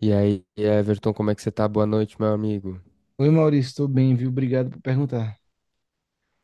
E aí, Everton, como é que você tá? Boa noite, meu amigo. Oi, Maurício, estou bem, viu? Obrigado por perguntar.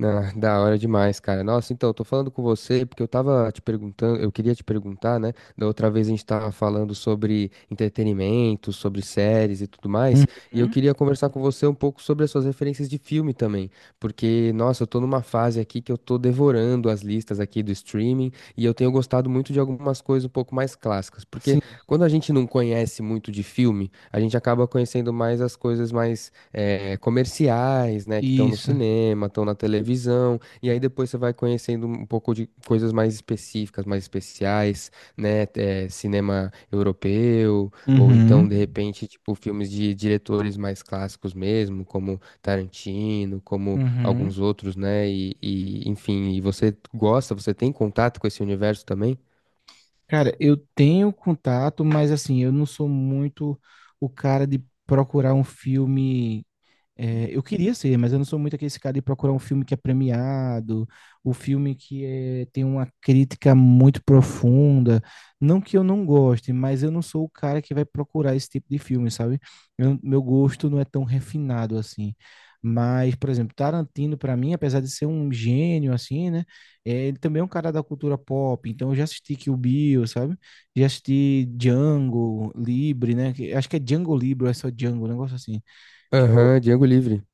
Ah, da hora demais, cara. Nossa, então, eu tô falando com você porque eu queria te perguntar, né? Da outra vez a gente tava falando sobre entretenimento, sobre séries e tudo mais, e eu Uhum. queria conversar com você um pouco sobre as suas referências de filme também, porque, nossa, eu tô numa fase aqui que eu tô devorando as listas aqui do streaming e eu tenho gostado muito de algumas coisas um pouco mais clássicas, porque Sim, quando a gente não conhece muito de filme, a gente acaba conhecendo mais as coisas mais comerciais, né, que estão no isso. cinema, estão na televisão, e aí depois você vai conhecendo um pouco de coisas mais específicas, mais especiais, né, cinema europeu, ou Uhum. então, de repente, tipo, filmes de diretores mais clássicos mesmo, como Tarantino, como Uhum. alguns outros, né, e enfim, e você gosta, você tem contato com esse universo também? Cara, eu tenho contato, mas assim, eu não sou muito o cara de procurar um filme. É, eu queria ser, mas eu não sou muito aquele cara de procurar um filme que é premiado, o filme tem uma crítica muito profunda. Não que eu não goste, mas eu não sou o cara que vai procurar esse tipo de filme, sabe? Meu gosto não é tão refinado assim. Mas, por exemplo, Tarantino, para mim, apesar de ser um gênio, assim, né? Ele também é um cara da cultura pop. Então, eu já assisti Kill Bill, sabe? Já assisti Django Livre, né? Acho que é Django Livre, ou é só Django, um negócio assim que é Aham, Django Livre.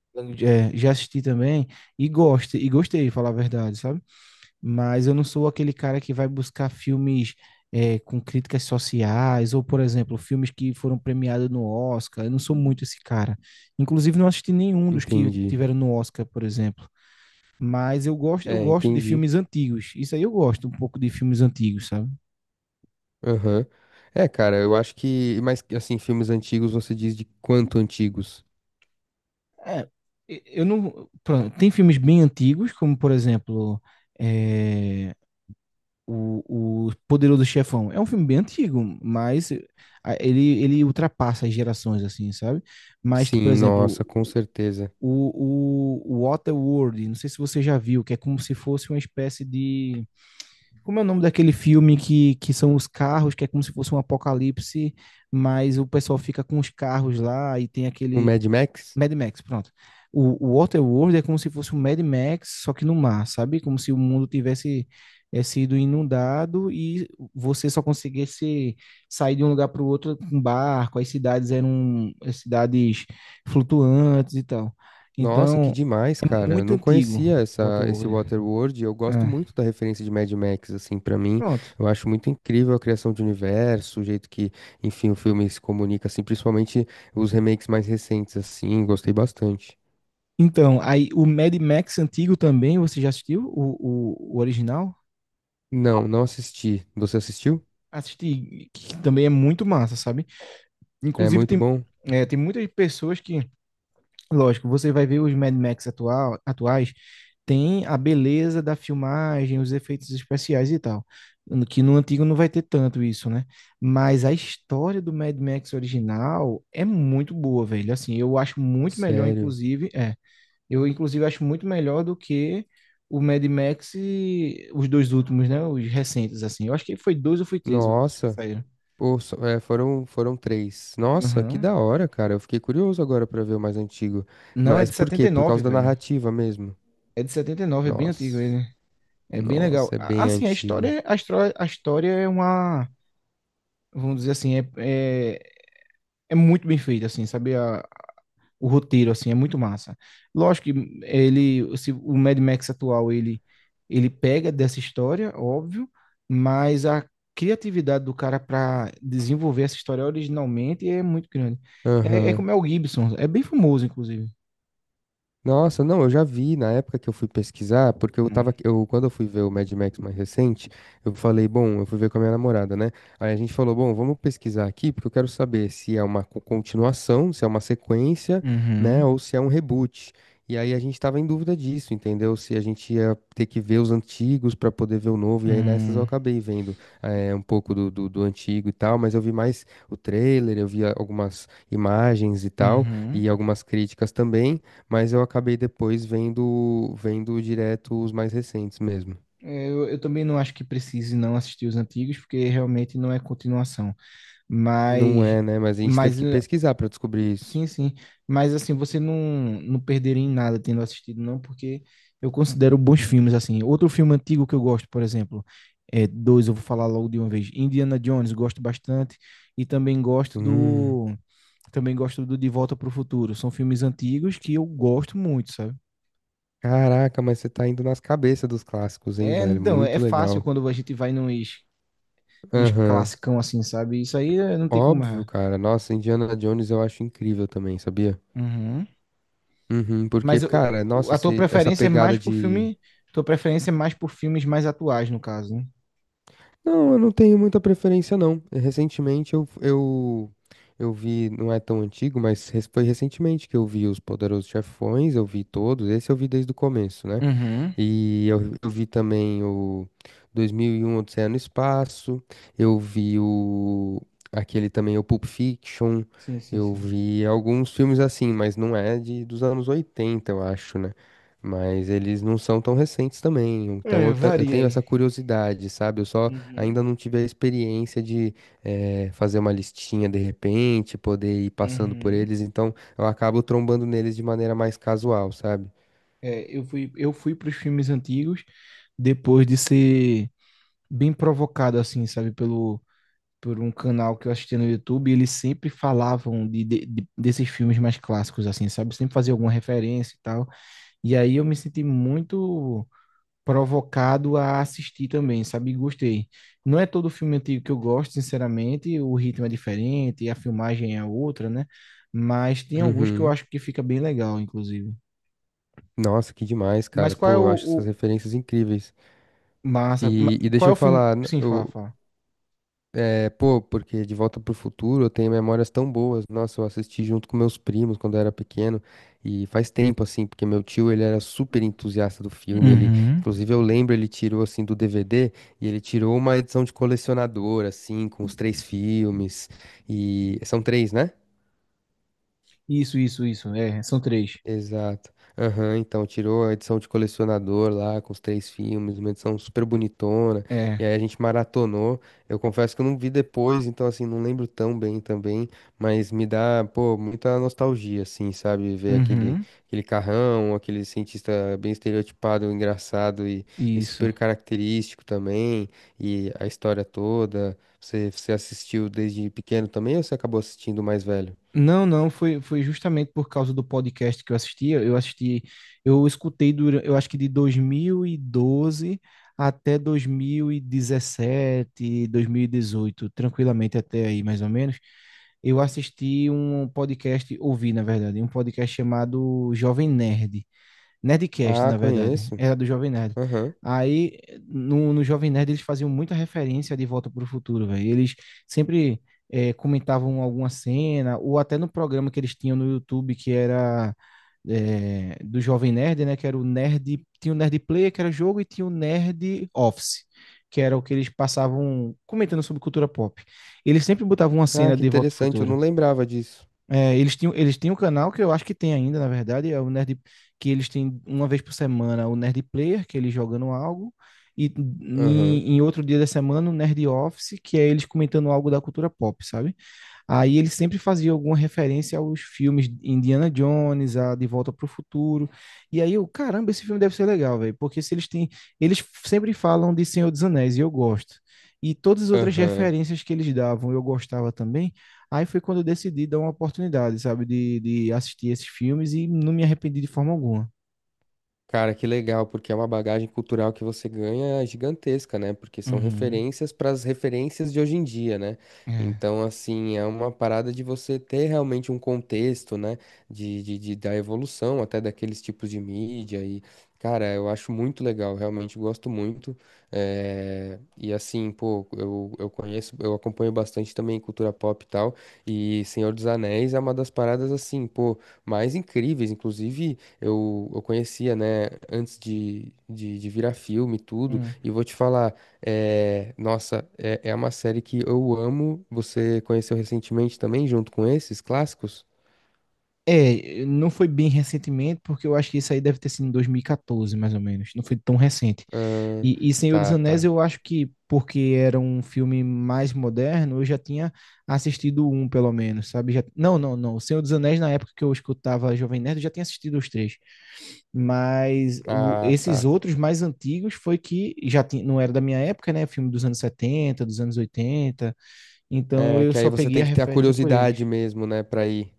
já assisti também, e gosto, e gostei, falar a verdade, sabe? Mas eu não sou aquele cara que vai buscar filmes com críticas sociais, ou, por exemplo, filmes que foram premiados no Oscar. Eu não sou muito esse cara. Inclusive, não assisti nenhum dos que Entendi. tiveram no Oscar, por exemplo. Mas eu gosto, eu É, gosto de entendi. filmes antigos. Isso aí eu gosto um pouco de filmes antigos, sabe? Aham. É, cara, eu acho que. Mas, assim, filmes antigos, você diz de quanto antigos? É, eu não. Pronto, tem filmes bem antigos, como, por exemplo, é, o Poderoso Chefão. É um filme bem antigo, mas ele ultrapassa as gerações, assim, sabe? Mas, por Sim, exemplo, nossa, com certeza. o Waterworld, não sei se você já viu, que é como se fosse uma espécie de. Como é o nome daquele filme que são os carros, que é como se fosse um apocalipse, mas o pessoal fica com os carros lá e tem O aquele Mad Max? Mad Max, pronto. O Waterworld é como se fosse um Mad Max, só que no mar, sabe? Como se o mundo tivesse sido inundado e você só conseguisse sair de um lugar para o outro com barco. As cidades eram as cidades flutuantes e tal. Nossa, que Então, demais, é cara. Eu muito não antigo conhecia o esse Waterworld. Waterworld. Eu gosto É, muito da referência de Mad Max, assim, pra mim. pronto. Eu acho muito incrível a criação de universo, o jeito que, enfim, o filme se comunica, assim, principalmente os remakes mais recentes, assim. Gostei bastante. Então, aí o Mad Max antigo também, você já assistiu o original? Não, não assisti. Você assistiu? Assisti, que também é muito massa, sabe? É Inclusive, muito tem, bom? é, tem muitas pessoas que, lógico, você vai ver os Mad Max atual, atuais, tem a beleza da filmagem, os efeitos especiais e tal. Que no antigo não vai ter tanto isso, né? Mas a história do Mad Max original é muito boa, velho. Assim, eu acho muito melhor, Sério. inclusive. É, eu, inclusive, acho muito melhor do que o Mad Max e os dois últimos, né? Os recentes, assim. Eu acho que foi dois ou foi três os que Nossa. saíram. Pô, só- é, foram, foram três. Nossa, que Aham. da hora, cara. Eu fiquei curioso agora pra ver o mais antigo. Não, é Mas de por setenta quê? e Por nove causa da velho. narrativa mesmo. É de 79, é bem antigo Nossa, ele. É bem legal. nossa, é bem Assim, a antigo. história, a história, a história é uma, vamos dizer assim, é, é muito bem feita, assim, sabe? O roteiro, assim, é muito massa. Lógico que ele, se, o Mad Max atual, ele pega dessa história, óbvio, mas a criatividade do cara para desenvolver essa história originalmente é muito grande. É Aham. como é o Gibson, é bem famoso, inclusive. Nossa, não, eu já vi na época que eu fui pesquisar, porque eu Hum. tava, eu, quando eu fui ver o Mad Max mais recente, eu falei, bom, eu fui ver com a minha namorada, né? Aí a gente falou, bom, vamos pesquisar aqui, porque eu quero saber se é uma co- continuação, se é uma sequência, né, Uhum. ou se é um reboot. E aí a gente tava em dúvida disso, entendeu? Se a gente ia ter que ver os antigos pra poder ver o novo, e aí nessas eu Hum. acabei vendo um pouco do antigo e tal, mas eu vi mais o trailer, eu vi a- algumas imagens e tal, Uhum. e algumas críticas também. Mas eu acabei depois vendo direto os mais recentes mesmo. É, eu também não acho que precise não assistir os antigos, porque realmente não é continuação. Não Mas, é, né? Mas a gente teve mas que eh, pesquisar pra descobrir isso. sim, sim. Mas assim, você não perderia em nada tendo assistido, não, porque eu considero bons filmes, assim. Outro filme antigo que eu gosto, por exemplo, é, dois, eu vou falar logo de uma vez. Indiana Jones, gosto bastante. E também gosto Hum. do. Também gosto do De Volta para o Futuro. São filmes antigos que eu gosto muito, sabe? Caraca, mas você tá indo nas cabeças dos clássicos, hein, É, velho? então, é Muito fácil legal. quando a gente vai nos Aham. classicão, assim, sabe? Isso aí não tem como Óbvio, errar. cara. Nossa, Indiana Jones eu acho incrível também, sabia? Uhum. Uhum, porque, Mas cara, nossa, a tua se, essa preferência é mais pegada por de. filme. Tua preferência é mais por filmes mais atuais, no caso, né? Não, eu não tenho muita preferência, não. Recentemente eu vi, não é tão antigo, mas res- foi recentemente que eu vi Os Poderosos Chefões, eu vi todos, esse eu vi desde o começo, né? Uhum. E eu vi também o 2001 Odisseia no Espaço, eu vi o aquele também o Pulp Fiction, Sim, sim, eu sim. vi alguns filmes assim, mas não é de dos anos 80 eu acho, né? Mas eles não são tão recentes também, então É, eu, ta- eu varia tenho aí. essa curiosidade, sabe? Eu só ainda Uhum. não tive a experiência de fazer uma listinha de repente, poder ir passando por Uhum. eles, então eu acabo trombando neles de maneira mais casual, sabe? É, eu fui para os filmes antigos depois de ser bem provocado, assim, sabe, por um canal que eu assistia no YouTube. E eles sempre falavam desses filmes mais clássicos, assim, sabe? Sempre fazia alguma referência e tal. E aí eu me senti muito provocado a assistir também, sabe? Gostei. Não é todo filme antigo que eu gosto, sinceramente, o ritmo é diferente, a filmagem é outra, né? Mas tem alguns que eu Uhum. acho que fica bem legal, inclusive. Nossa, que demais, Mas cara. qual é Pô, eu acho essas referências incríveis. massa? E Qual deixa é eu o filme? falar, n- Sim, fala, eu, fala. é, Pô, porque De Volta pro Futuro eu tenho memórias tão boas. Nossa, eu assisti junto com meus primos quando eu era pequeno. E faz tempo, assim, porque meu tio, ele era super entusiasta do filme. Ele, Uhum. inclusive, eu lembro, ele tirou, assim, do DVD e ele tirou uma edição de colecionador, assim, com os 3 filmes. E são 3, né? Isso, isso, isso. É, são três. Exato. Aham, então tirou a edição de colecionador lá com os 3 filmes, uma edição super bonitona. É. E aí a gente maratonou. Eu confesso que eu não vi depois, então assim, não lembro tão bem também, mas me dá, pô, muita nostalgia assim, sabe, ver aquele Uhum. aquele carrão, aquele cientista bem estereotipado, engraçado e Isso. super característico também, e a história toda. Você assistiu desde pequeno também ou você acabou assistindo mais velho? Não, não, foi justamente por causa do podcast que eu assistia. Eu assisti, eu escutei durante, eu acho que de 2012 até 2017, 2018, tranquilamente até aí, mais ou menos. Eu assisti um podcast, ouvi, na verdade, um podcast chamado Jovem Nerd. Nerdcast, Ah, na verdade. conheço. Era do Jovem Nerd. Aham. Aí, no Jovem Nerd, eles faziam muita referência de Volta para o Futuro, velho. Eles sempre comentavam alguma cena, ou até no programa que eles tinham no YouTube, que era do Jovem Nerd, né? Que era o Nerd. Tinha o Nerd Player, que era jogo, e tinha o Nerd Office, que era o que eles passavam comentando sobre cultura pop. Eles sempre botavam uma Ah, cena que de Volta para o interessante, eu Futuro. não lembrava disso. É, eles tinham um canal que eu acho que tem ainda, na verdade, é o Nerd, que eles têm uma vez por semana o Nerd Player, que é eles jogando algo, e Aham, em outro dia da semana o Nerd Office, que é eles comentando algo da cultura pop, sabe? Aí eles sempre faziam alguma referência aos filmes Indiana Jones, a De Volta para o Futuro. E aí eu, caramba, esse filme deve ser legal, velho, porque se eles têm, eles sempre falam de Senhor dos Anéis e eu gosto. E todas as outras aham. referências que eles davam, eu gostava também. Aí foi quando eu decidi dar uma oportunidade, sabe, de assistir esses filmes e não me arrependi de forma alguma. Cara, que legal, porque é uma bagagem cultural que você ganha gigantesca, né? Porque são Uhum. referências para as referências de hoje em dia, né? É. Então, assim, é uma parada de você ter realmente um contexto, né? Da evolução até daqueles tipos de mídia. E, cara, eu acho muito legal, realmente gosto muito. E, assim, pô, eu conheço, eu acompanho bastante também cultura pop e tal. E Senhor dos Anéis é uma das paradas, assim, pô, mais incríveis, inclusive eu conhecia, né, antes de virar filme e tudo. Hum. E vou te falar, é, nossa, é uma série que eu amo. Você conheceu recentemente também, junto com esses clássicos? É, não foi bem recentemente, porque eu acho que isso aí deve ter sido em 2014, mais ou menos. Não foi tão recente. Ahn, E Senhor dos tá, tá. Anéis, eu acho que, porque era um filme mais moderno, eu já tinha assistido um, pelo menos, sabe? Já. Não, não, não. O Senhor dos Anéis, na época que eu escutava Jovem Nerd, eu já tinha assistido os três. Mas Ah, esses tá. outros mais antigos foi que já tinha, não era da minha época, né? Filme dos anos 70 dos anos oitenta. Então É, eu que aí só você peguei tem a que ter a referência por curiosidade eles. mesmo, né, pra ir.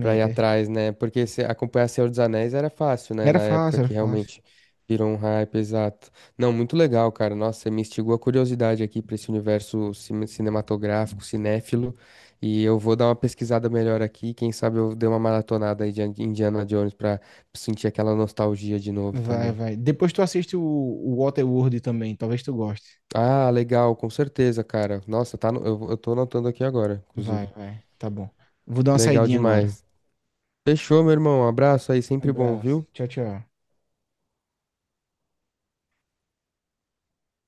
Pra ir atrás, né? Porque se acompanhar Senhor dos Anéis era fácil, né? Era Na época fácil, era que fácil. realmente virou um hype, exato. Não, muito legal, cara. Nossa, você me instigou a curiosidade aqui pra esse universo cine- cinematográfico, cinéfilo. E eu vou dar uma pesquisada melhor aqui. Quem sabe eu dei uma maratonada aí de Indiana Jones pra sentir aquela nostalgia de novo Vai, também. vai. Depois tu assiste o Waterworld também, talvez tu goste. Ah, legal, com certeza, cara. Nossa, tá no- eu, vou- eu tô anotando aqui agora, Vai, inclusive. vai. Tá bom. Vou dar uma Legal saidinha agora. demais. Fechou, meu irmão. Um abraço aí, sempre bom, Abraço. viu? Tchau, tchau.